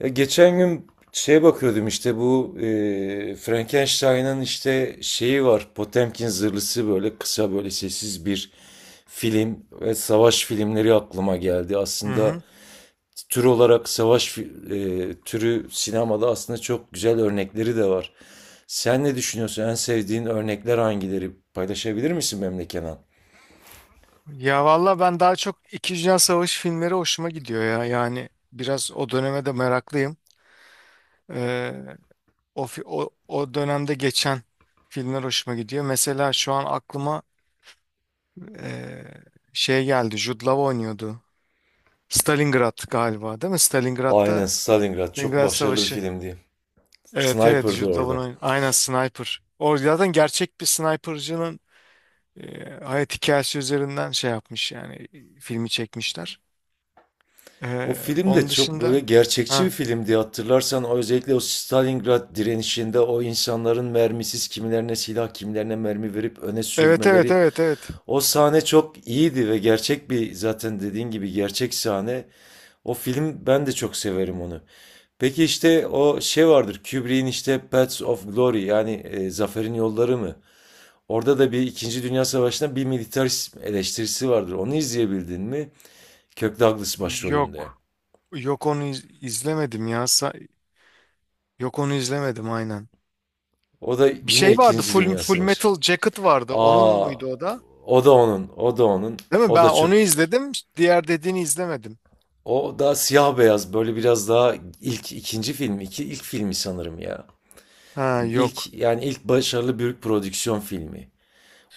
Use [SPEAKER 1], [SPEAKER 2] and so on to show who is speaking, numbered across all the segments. [SPEAKER 1] Ya geçen gün şeye bakıyordum işte bu Frankenstein'ın işte şeyi var. Potemkin zırhlısı böyle kısa böyle sessiz bir film ve savaş filmleri aklıma geldi.
[SPEAKER 2] Hı
[SPEAKER 1] Aslında
[SPEAKER 2] hı.
[SPEAKER 1] tür olarak türü sinemada aslında çok güzel örnekleri de var. Sen ne düşünüyorsun? En sevdiğin örnekler hangileri? Paylaşabilir misin benimle Kenan?
[SPEAKER 2] Ya valla ben daha çok İkinci Dünya Savaşı filmleri hoşuma gidiyor ya. Yani biraz o döneme de meraklıyım. Ee, o dönemde geçen filmler hoşuma gidiyor. Mesela şu an aklıma ee, şey geldi. Jude Law oynuyordu. Stalingrad galiba değil mi?
[SPEAKER 1] Aynen,
[SPEAKER 2] Stalingrad'da
[SPEAKER 1] Stalingrad çok
[SPEAKER 2] Stalingrad
[SPEAKER 1] başarılı bir
[SPEAKER 2] Savaşı.
[SPEAKER 1] filmdi.
[SPEAKER 2] Evet, evet,
[SPEAKER 1] Sniper'dı
[SPEAKER 2] Jude Law'un
[SPEAKER 1] orada.
[SPEAKER 2] aynen sniper. O zaten gerçek bir snipercının hayat hikayesi üzerinden şey yapmış yani filmi çekmişler.
[SPEAKER 1] O film de
[SPEAKER 2] Onun
[SPEAKER 1] çok böyle
[SPEAKER 2] dışında
[SPEAKER 1] gerçekçi bir
[SPEAKER 2] ha
[SPEAKER 1] filmdi, hatırlarsan o özellikle o Stalingrad direnişinde o insanların mermisiz kimilerine silah kimilerine mermi verip öne
[SPEAKER 2] evet, evet,
[SPEAKER 1] sürmeleri,
[SPEAKER 2] evet, evet.
[SPEAKER 1] o sahne çok iyiydi ve gerçek bir, zaten dediğin gibi gerçek sahne. O film, ben de çok severim onu. Peki işte o şey vardır Kubrick'in, işte Paths of Glory yani Zaferin Yolları mı? Orada da bir İkinci Dünya Savaşı'nda bir militarist eleştirisi vardır. Onu izleyebildin mi? Kirk Douglas başrolünde.
[SPEAKER 2] Yok. Yok onu izlemedim ya. Yok onu izlemedim aynen.
[SPEAKER 1] O da
[SPEAKER 2] Bir
[SPEAKER 1] yine
[SPEAKER 2] şey vardı.
[SPEAKER 1] İkinci
[SPEAKER 2] Full
[SPEAKER 1] Dünya
[SPEAKER 2] Full
[SPEAKER 1] Savaşı.
[SPEAKER 2] Metal Jacket vardı. Onun
[SPEAKER 1] Aa,
[SPEAKER 2] muydu o da?
[SPEAKER 1] o da onun,
[SPEAKER 2] Değil mi?
[SPEAKER 1] o
[SPEAKER 2] Ben
[SPEAKER 1] da çok.
[SPEAKER 2] onu izledim. Diğer dediğini izlemedim.
[SPEAKER 1] O da siyah beyaz, böyle biraz daha ilk ikinci film, iki ilk filmi sanırım ya.
[SPEAKER 2] Ha yok.
[SPEAKER 1] İlk yani ilk başarılı büyük prodüksiyon filmi.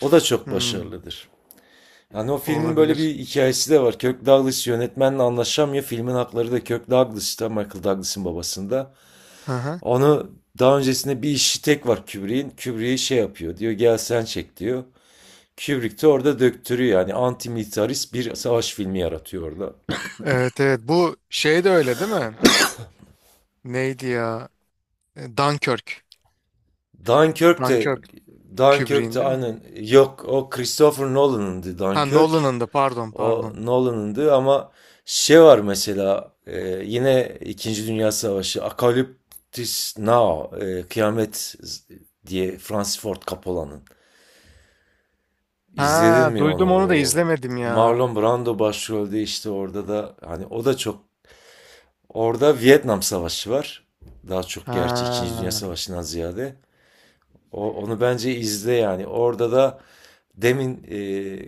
[SPEAKER 1] O da çok
[SPEAKER 2] Hmm,
[SPEAKER 1] başarılıdır. Yani o filmin böyle
[SPEAKER 2] olabilir.
[SPEAKER 1] bir hikayesi de var. Kirk Douglas yönetmenle anlaşamıyor. Filmin hakları da Kirk Douglas'ta, Michael Douglas'ın babasında.
[SPEAKER 2] Hı hı.
[SPEAKER 1] Onu daha öncesinde bir işi tek var Kubrick'in. Kubrick'i şey yapıyor diyor, gel sen çek diyor. Kubrick de orada döktürüyor. Yani antimilitarist bir savaş filmi yaratıyor orada.
[SPEAKER 2] Evet evet. Bu şey de öyle değil mi? Neydi ya? E, Dunkirk.
[SPEAKER 1] Dunkirk de
[SPEAKER 2] Dunkirk.
[SPEAKER 1] Dunkirk
[SPEAKER 2] Kubrick'in
[SPEAKER 1] de
[SPEAKER 2] değil mi?
[SPEAKER 1] aynen yok, o Christopher Nolan'ındı
[SPEAKER 2] Ha,
[SPEAKER 1] Dunkirk.
[SPEAKER 2] Nolan'ın da, pardon
[SPEAKER 1] O
[SPEAKER 2] pardon.
[SPEAKER 1] Nolan'ındı ama şey var mesela yine İkinci Dünya Savaşı Apocalypse Now, Kıyamet diye, Francis Ford Coppola'nın. İzledin
[SPEAKER 2] Ha
[SPEAKER 1] mi onu?
[SPEAKER 2] duydum, onu da
[SPEAKER 1] O
[SPEAKER 2] izlemedim ya.
[SPEAKER 1] Marlon Brando başrolde, işte orada da hani o da çok. Orada Vietnam Savaşı var. Daha çok gerçi İkinci
[SPEAKER 2] Ha,
[SPEAKER 1] Dünya Savaşı'ndan ziyade. Onu bence izle yani. Orada da demin,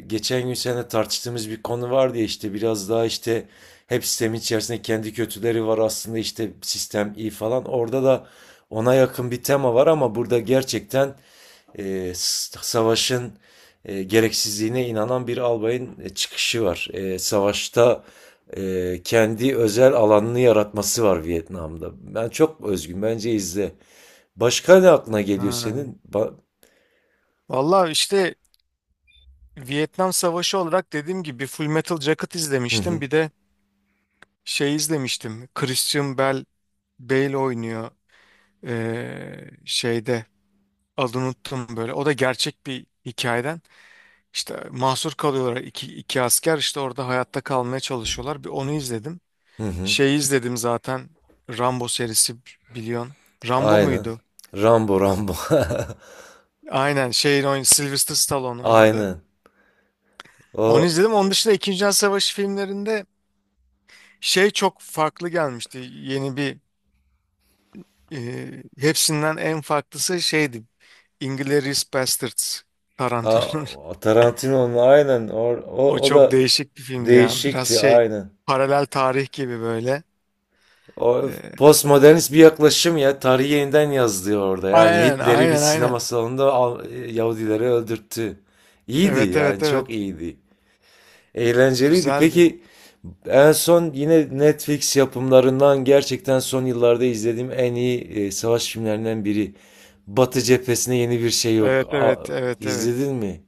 [SPEAKER 1] geçen gün seninle tartıştığımız bir konu var diye, işte biraz daha işte hep sistemin içerisinde kendi kötüleri var aslında işte sistem iyi falan. Orada da ona yakın bir tema var ama burada gerçekten savaşın gereksizliğine inanan bir albayın çıkışı var. Savaşta kendi özel alanını yaratması var Vietnam'da. Ben çok özgün. Bence izle. Başka ne aklına geliyor
[SPEAKER 2] ha.
[SPEAKER 1] senin?
[SPEAKER 2] Valla işte Vietnam Savaşı olarak dediğim gibi Full Metal Jacket
[SPEAKER 1] Hı
[SPEAKER 2] izlemiştim.
[SPEAKER 1] hı.
[SPEAKER 2] Bir de şey izlemiştim. Christian Bale, Bale oynuyor şeyde adını unuttum böyle. O da gerçek bir hikayeden. İşte mahsur kalıyorlar, iki asker işte orada hayatta kalmaya çalışıyorlar. Bir onu izledim.
[SPEAKER 1] Hı hı.
[SPEAKER 2] Şeyi izledim zaten Rambo serisi biliyorsun. Rambo
[SPEAKER 1] Aynen.
[SPEAKER 2] muydu?
[SPEAKER 1] Rambo, Rambo.
[SPEAKER 2] Aynen şeyin oyun Sylvester Stallone oynadı.
[SPEAKER 1] Aynen.
[SPEAKER 2] Onu
[SPEAKER 1] O
[SPEAKER 2] izledim. Onun dışında İkinci Dünya Savaşı filmlerinde şey çok farklı gelmişti. Yeni bir hepsinden en farklısı şeydi. Inglourious Basterds
[SPEAKER 1] a,
[SPEAKER 2] Tarantino.
[SPEAKER 1] o Tarantino'nun, aynen Or-
[SPEAKER 2] O
[SPEAKER 1] o, o
[SPEAKER 2] çok
[SPEAKER 1] da
[SPEAKER 2] değişik bir filmdi ya. Biraz
[SPEAKER 1] değişikti
[SPEAKER 2] şey,
[SPEAKER 1] aynen.
[SPEAKER 2] paralel tarih gibi böyle.
[SPEAKER 1] O
[SPEAKER 2] E,
[SPEAKER 1] postmodernist bir yaklaşım ya. Tarihi yeniden yazdı orada. Yani
[SPEAKER 2] aynen
[SPEAKER 1] Hitler'i bir
[SPEAKER 2] aynen
[SPEAKER 1] sinema
[SPEAKER 2] aynen.
[SPEAKER 1] salonunda Yahudileri öldürttü. İyiydi
[SPEAKER 2] Evet
[SPEAKER 1] yani,
[SPEAKER 2] evet
[SPEAKER 1] çok
[SPEAKER 2] evet.
[SPEAKER 1] iyiydi. Eğlenceliydi.
[SPEAKER 2] Güzeldi.
[SPEAKER 1] Peki, en son yine Netflix yapımlarından gerçekten son yıllarda izlediğim en iyi savaş filmlerinden biri. Batı cephesine yeni bir şey yok.
[SPEAKER 2] Evet evet evet evet.
[SPEAKER 1] İzledin mi?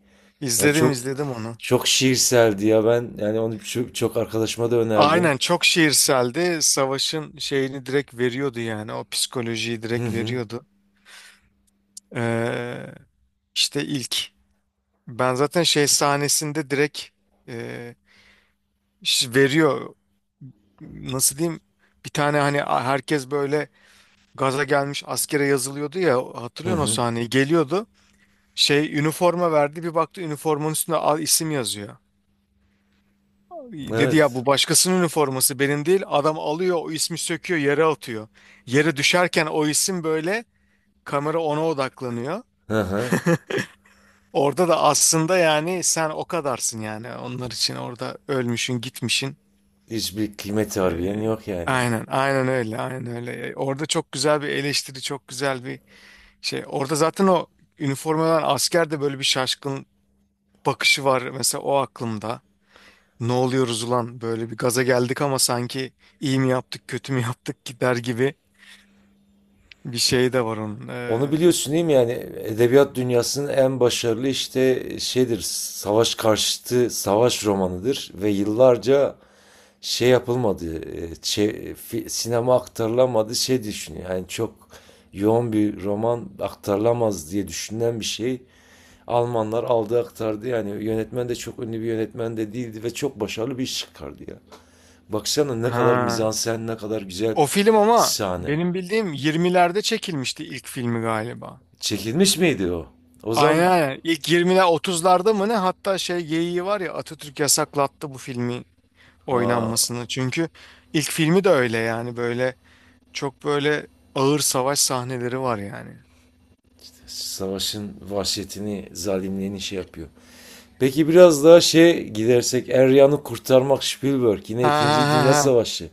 [SPEAKER 1] Ya
[SPEAKER 2] İzledim,
[SPEAKER 1] çok
[SPEAKER 2] izledim onu.
[SPEAKER 1] çok şiirseldi ya, ben yani onu çok, çok arkadaşıma da önerdim.
[SPEAKER 2] Aynen çok şiirseldi. Savaşın şeyini direkt veriyordu yani. O psikolojiyi
[SPEAKER 1] Hı
[SPEAKER 2] direkt
[SPEAKER 1] hı.
[SPEAKER 2] veriyordu. Ee, İşte ilk. Ben zaten şey sahnesinde direkt e, veriyor. Nasıl diyeyim? Bir tane hani herkes böyle gaza gelmiş askere yazılıyordu ya, hatırlıyorsun o sahneyi. Geliyordu. Şey üniforma verdi, bir baktı üniformanın üstünde al isim yazıyor. Dedi ya
[SPEAKER 1] Evet.
[SPEAKER 2] bu başkasının üniforması, benim değil. Adam alıyor o ismi, söküyor yere atıyor. Yere düşerken o isim böyle, kamera ona odaklanıyor.
[SPEAKER 1] Hı hı.
[SPEAKER 2] Orada da aslında yani sen o kadarsın yani, onlar için orada ölmüşün gitmişin.
[SPEAKER 1] Hiçbir kıymeti
[SPEAKER 2] Ee,
[SPEAKER 1] harbiden yok yani.
[SPEAKER 2] aynen aynen öyle, aynen öyle. Orada çok güzel bir eleştiri, çok güzel bir şey. Orada zaten o üniformadan asker de böyle bir şaşkın bakışı var mesela, o aklımda. Ne oluyoruz ulan, böyle bir gaza geldik ama sanki iyi mi yaptık, kötü mü yaptık gider gibi bir şey de var onun.
[SPEAKER 1] Onu biliyorsun değil mi yani, edebiyat dünyasının en başarılı işte şeydir, savaş karşıtı savaş romanıdır ve yıllarca şey yapılmadı, sinema aktarılamadı şey düşünüyor. Yani çok yoğun bir roman, aktarılamaz diye düşünülen bir şey, Almanlar aldı aktardı yani, yönetmen de çok ünlü bir yönetmen de değildi ve çok başarılı bir iş çıkardı ya. Baksana ne kadar
[SPEAKER 2] Ha.
[SPEAKER 1] mizansen, ne kadar güzel
[SPEAKER 2] O film ama
[SPEAKER 1] sahne.
[SPEAKER 2] benim bildiğim 20'lerde çekilmişti ilk filmi galiba.
[SPEAKER 1] Çekilmiş miydi o? O
[SPEAKER 2] Aynen
[SPEAKER 1] zaman,
[SPEAKER 2] aynen. İlk 20'ler 30'larda mı ne? Hatta şey geyiği var ya, Atatürk yasaklattı bu filmi
[SPEAKER 1] aa,
[SPEAKER 2] oynanmasını. Çünkü ilk filmi de öyle yani, böyle çok böyle ağır savaş sahneleri var yani.
[SPEAKER 1] savaşın vahşetini, zalimliğini şey yapıyor. Peki biraz daha şey gidersek, Eryan'ı kurtarmak, Spielberg yine
[SPEAKER 2] Ha ha
[SPEAKER 1] ikinci
[SPEAKER 2] ha
[SPEAKER 1] Dünya
[SPEAKER 2] ha.
[SPEAKER 1] Savaşı.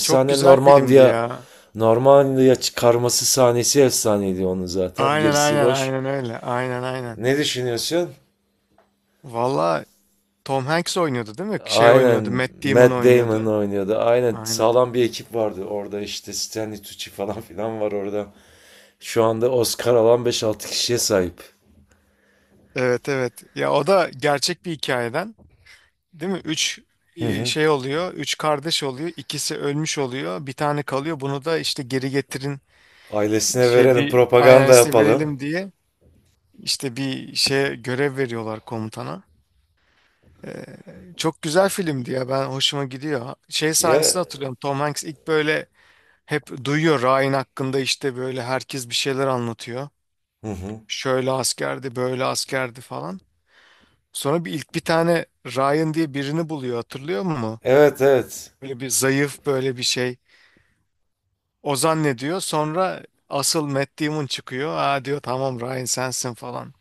[SPEAKER 2] Çok güzel filmdi
[SPEAKER 1] Normandiya.
[SPEAKER 2] ya.
[SPEAKER 1] Normandiya çıkarması sahnesi efsaneydi onun zaten.
[SPEAKER 2] Aynen
[SPEAKER 1] Gerisi
[SPEAKER 2] aynen
[SPEAKER 1] boş.
[SPEAKER 2] aynen öyle. Aynen aynen.
[SPEAKER 1] Ne düşünüyorsun?
[SPEAKER 2] Valla Tom Hanks oynuyordu değil mi? Şey oynuyordu.
[SPEAKER 1] Aynen,
[SPEAKER 2] Matt Damon
[SPEAKER 1] Matt Damon
[SPEAKER 2] oynuyordu.
[SPEAKER 1] oynuyordu. Aynen,
[SPEAKER 2] Aynen.
[SPEAKER 1] sağlam bir ekip vardı orada, işte Stanley Tucci falan filan var orada. Şu anda Oscar alan beş altı kişiye sahip.
[SPEAKER 2] Evet evet. Ya o da gerçek bir hikayeden. Değil mi? Üç şey oluyor. Üç kardeş oluyor. İkisi ölmüş oluyor. Bir tane kalıyor. Bunu da işte geri getirin.
[SPEAKER 1] Ailesine
[SPEAKER 2] Şey
[SPEAKER 1] verelim,
[SPEAKER 2] bir aynen
[SPEAKER 1] propaganda
[SPEAKER 2] size
[SPEAKER 1] yapalım.
[SPEAKER 2] verelim diye işte bir şeye görev veriyorlar komutana. Ee, çok güzel filmdi ya. Ben hoşuma gidiyor. Şey
[SPEAKER 1] Ya,
[SPEAKER 2] sahnesini hatırlıyorum. Tom Hanks ilk böyle hep duyuyor Ryan hakkında, işte böyle herkes bir şeyler anlatıyor.
[SPEAKER 1] hı hı.
[SPEAKER 2] Şöyle askerdi, böyle askerdi falan. Sonra bir ilk bir tane Ryan diye birini buluyor. Hatırlıyor musun?
[SPEAKER 1] Evet, evet.
[SPEAKER 2] Böyle bir zayıf, böyle bir şey. Ozan ne diyor? Sonra asıl Matt Damon çıkıyor. Aa diyor, tamam Ryan sensin falan.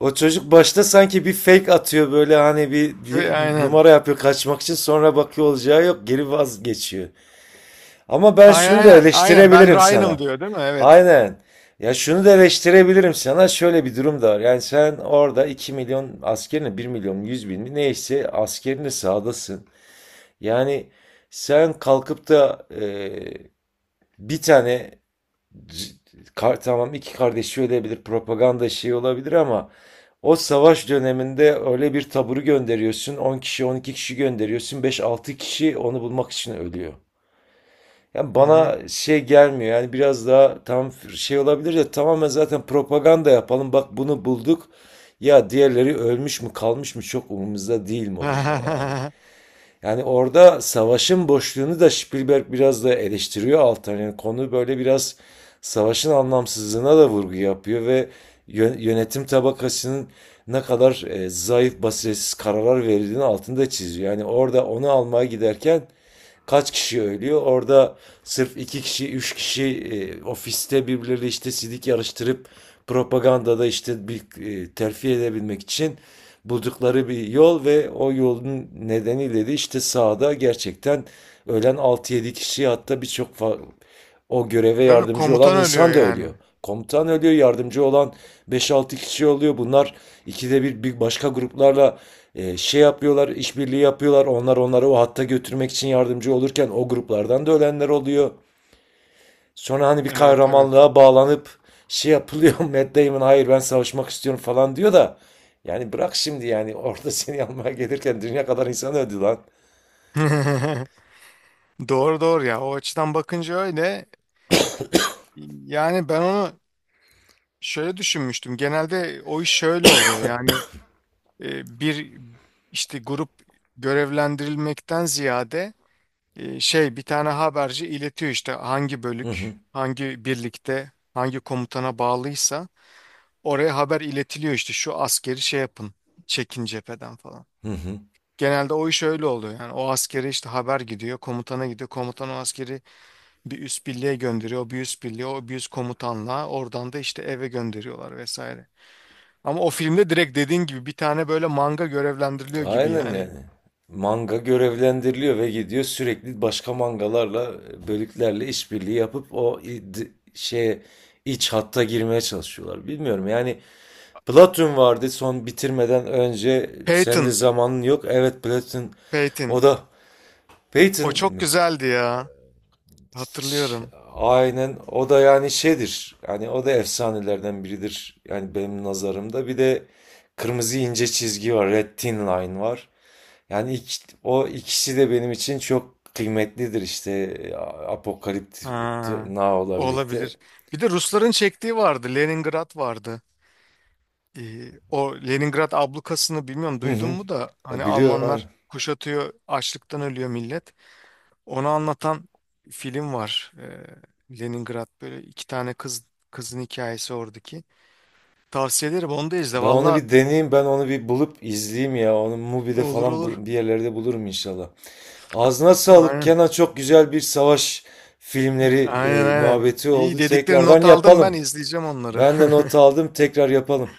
[SPEAKER 1] O çocuk başta sanki bir fake atıyor böyle, hani bir
[SPEAKER 2] Ve aynen.
[SPEAKER 1] numara yapıyor kaçmak için, sonra bakıyor olacağı yok, geri vazgeçiyor. Ama ben
[SPEAKER 2] Aynen
[SPEAKER 1] şunu da
[SPEAKER 2] aynen. Aynen ben
[SPEAKER 1] eleştirebilirim
[SPEAKER 2] Ryan'ım
[SPEAKER 1] sana.
[SPEAKER 2] diyor değil mi? Evet.
[SPEAKER 1] Aynen. Ya şunu da eleştirebilirim sana, şöyle bir durum da var. Yani sen orada 2 milyon askerini, 1.100.000 mi neyse askerini sahadasın. Yani sen kalkıp da bir tane c- tamam, iki kardeşi ölebilir, propaganda şeyi olabilir ama o savaş döneminde öyle bir taburu gönderiyorsun. 10 kişi, 12 kişi gönderiyorsun. Beş altı kişi onu bulmak için ölüyor. Yani
[SPEAKER 2] Hı hı.
[SPEAKER 1] bana şey gelmiyor. Yani biraz daha tam şey olabilir de tamamen zaten propaganda yapalım, bak bunu bulduk. Ya diğerleri ölmüş mü kalmış mı çok umurumuzda değil modunda yani. Yani orada savaşın boşluğunu da Spielberg biraz da eleştiriyor alttan. Yani konu böyle biraz savaşın anlamsızlığına da vurgu yapıyor ve yönetim tabakasının ne kadar zayıf, basiretsiz kararlar verildiğini altında çiziyor. Yani orada onu almaya giderken kaç kişi ölüyor? Orada sırf iki kişi, üç kişi ofiste birbirleriyle işte sidik yarıştırıp propagandada işte bir terfi edebilmek için buldukları bir yol ve o yolun nedeniyle de işte sahada gerçekten ölen altı yedi kişi, hatta birçok o göreve
[SPEAKER 2] Ve bir
[SPEAKER 1] yardımcı olan
[SPEAKER 2] komutan ölüyor
[SPEAKER 1] insan da ölüyor.
[SPEAKER 2] yani.
[SPEAKER 1] Komutan ölüyor, yardımcı olan beş altı kişi oluyor. Bunlar ikide bir, bir başka gruplarla şey yapıyorlar, işbirliği yapıyorlar. Onlar onları o hatta götürmek için yardımcı olurken o gruplardan da ölenler oluyor. Sonra hani bir
[SPEAKER 2] Evet evet.
[SPEAKER 1] kahramanlığa bağlanıp şey yapılıyor. Matt Damon, hayır ben savaşmak istiyorum falan diyor da. Yani bırak şimdi yani, orada seni almaya gelirken dünya kadar insan öldü lan.
[SPEAKER 2] Doğru doğru ya. O açıdan bakınca öyle. Yani ben onu şöyle düşünmüştüm. Genelde o iş şöyle oluyor. Yani bir işte grup görevlendirilmekten ziyade şey bir tane haberci iletiyor işte hangi
[SPEAKER 1] Hı
[SPEAKER 2] bölük,
[SPEAKER 1] hı,
[SPEAKER 2] hangi birlikte, hangi komutana bağlıysa oraya haber iletiliyor, işte şu askeri şey yapın, çekin cepheden falan.
[SPEAKER 1] hı hı.
[SPEAKER 2] Genelde o iş öyle oluyor. Yani o askere işte haber gidiyor, komutana gidiyor. Komutan o askeri bir üst birliğe gönderiyor. O bir üst birliğe, o bir üst komutanla oradan da işte eve gönderiyorlar vesaire. Ama o filmde direkt dediğin gibi bir tane böyle manga görevlendiriliyor gibi
[SPEAKER 1] Aynen
[SPEAKER 2] yani.
[SPEAKER 1] yani. Manga görevlendiriliyor ve gidiyor sürekli başka mangalarla, bölüklerle işbirliği yapıp o şeye, iç hatta girmeye çalışıyorlar. Bilmiyorum yani, Platoon vardı son bitirmeden önce sen de
[SPEAKER 2] Peyton,
[SPEAKER 1] zamanın yok. Evet, Platoon, o
[SPEAKER 2] Peyton.
[SPEAKER 1] da Peyton
[SPEAKER 2] O çok
[SPEAKER 1] mi?
[SPEAKER 2] güzeldi ya.
[SPEAKER 1] Ç-
[SPEAKER 2] Hatırlıyorum.
[SPEAKER 1] Aynen, o da yani şeydir. Yani o da efsanelerden biridir. Yani benim nazarımda bir de kırmızı ince çizgi var. Red Thin Line var. Yani o ikisi de benim için çok kıymetlidir, işte Apokalipt
[SPEAKER 2] Ha,
[SPEAKER 1] Now'la birlikte.
[SPEAKER 2] olabilir. Bir de Rusların çektiği vardı. Leningrad vardı. O Leningrad ablukasını bilmiyorum
[SPEAKER 1] Hı
[SPEAKER 2] duydun
[SPEAKER 1] hı.
[SPEAKER 2] mu, da hani
[SPEAKER 1] Biliyorum,
[SPEAKER 2] Almanlar
[SPEAKER 1] aynen.
[SPEAKER 2] kuşatıyor, açlıktan ölüyor millet. Onu anlatan film var. Leningrad böyle iki tane kızın hikayesi oradaki. Tavsiye ederim, onu da izle.
[SPEAKER 1] Ben onu
[SPEAKER 2] Valla
[SPEAKER 1] bir deneyeyim, ben onu bir bulup izleyeyim ya. Onu Mubi'de
[SPEAKER 2] olur
[SPEAKER 1] falan
[SPEAKER 2] olur.
[SPEAKER 1] bir yerlerde bulurum inşallah. Ağzına sağlık
[SPEAKER 2] Aynen.
[SPEAKER 1] Kenan, çok güzel bir savaş filmleri
[SPEAKER 2] Aynen aynen.
[SPEAKER 1] muhabbeti
[SPEAKER 2] İyi
[SPEAKER 1] oldu.
[SPEAKER 2] dedikleri
[SPEAKER 1] Tekrardan
[SPEAKER 2] not aldım, ben
[SPEAKER 1] yapalım.
[SPEAKER 2] izleyeceğim onları.
[SPEAKER 1] Ben de not aldım, tekrar yapalım.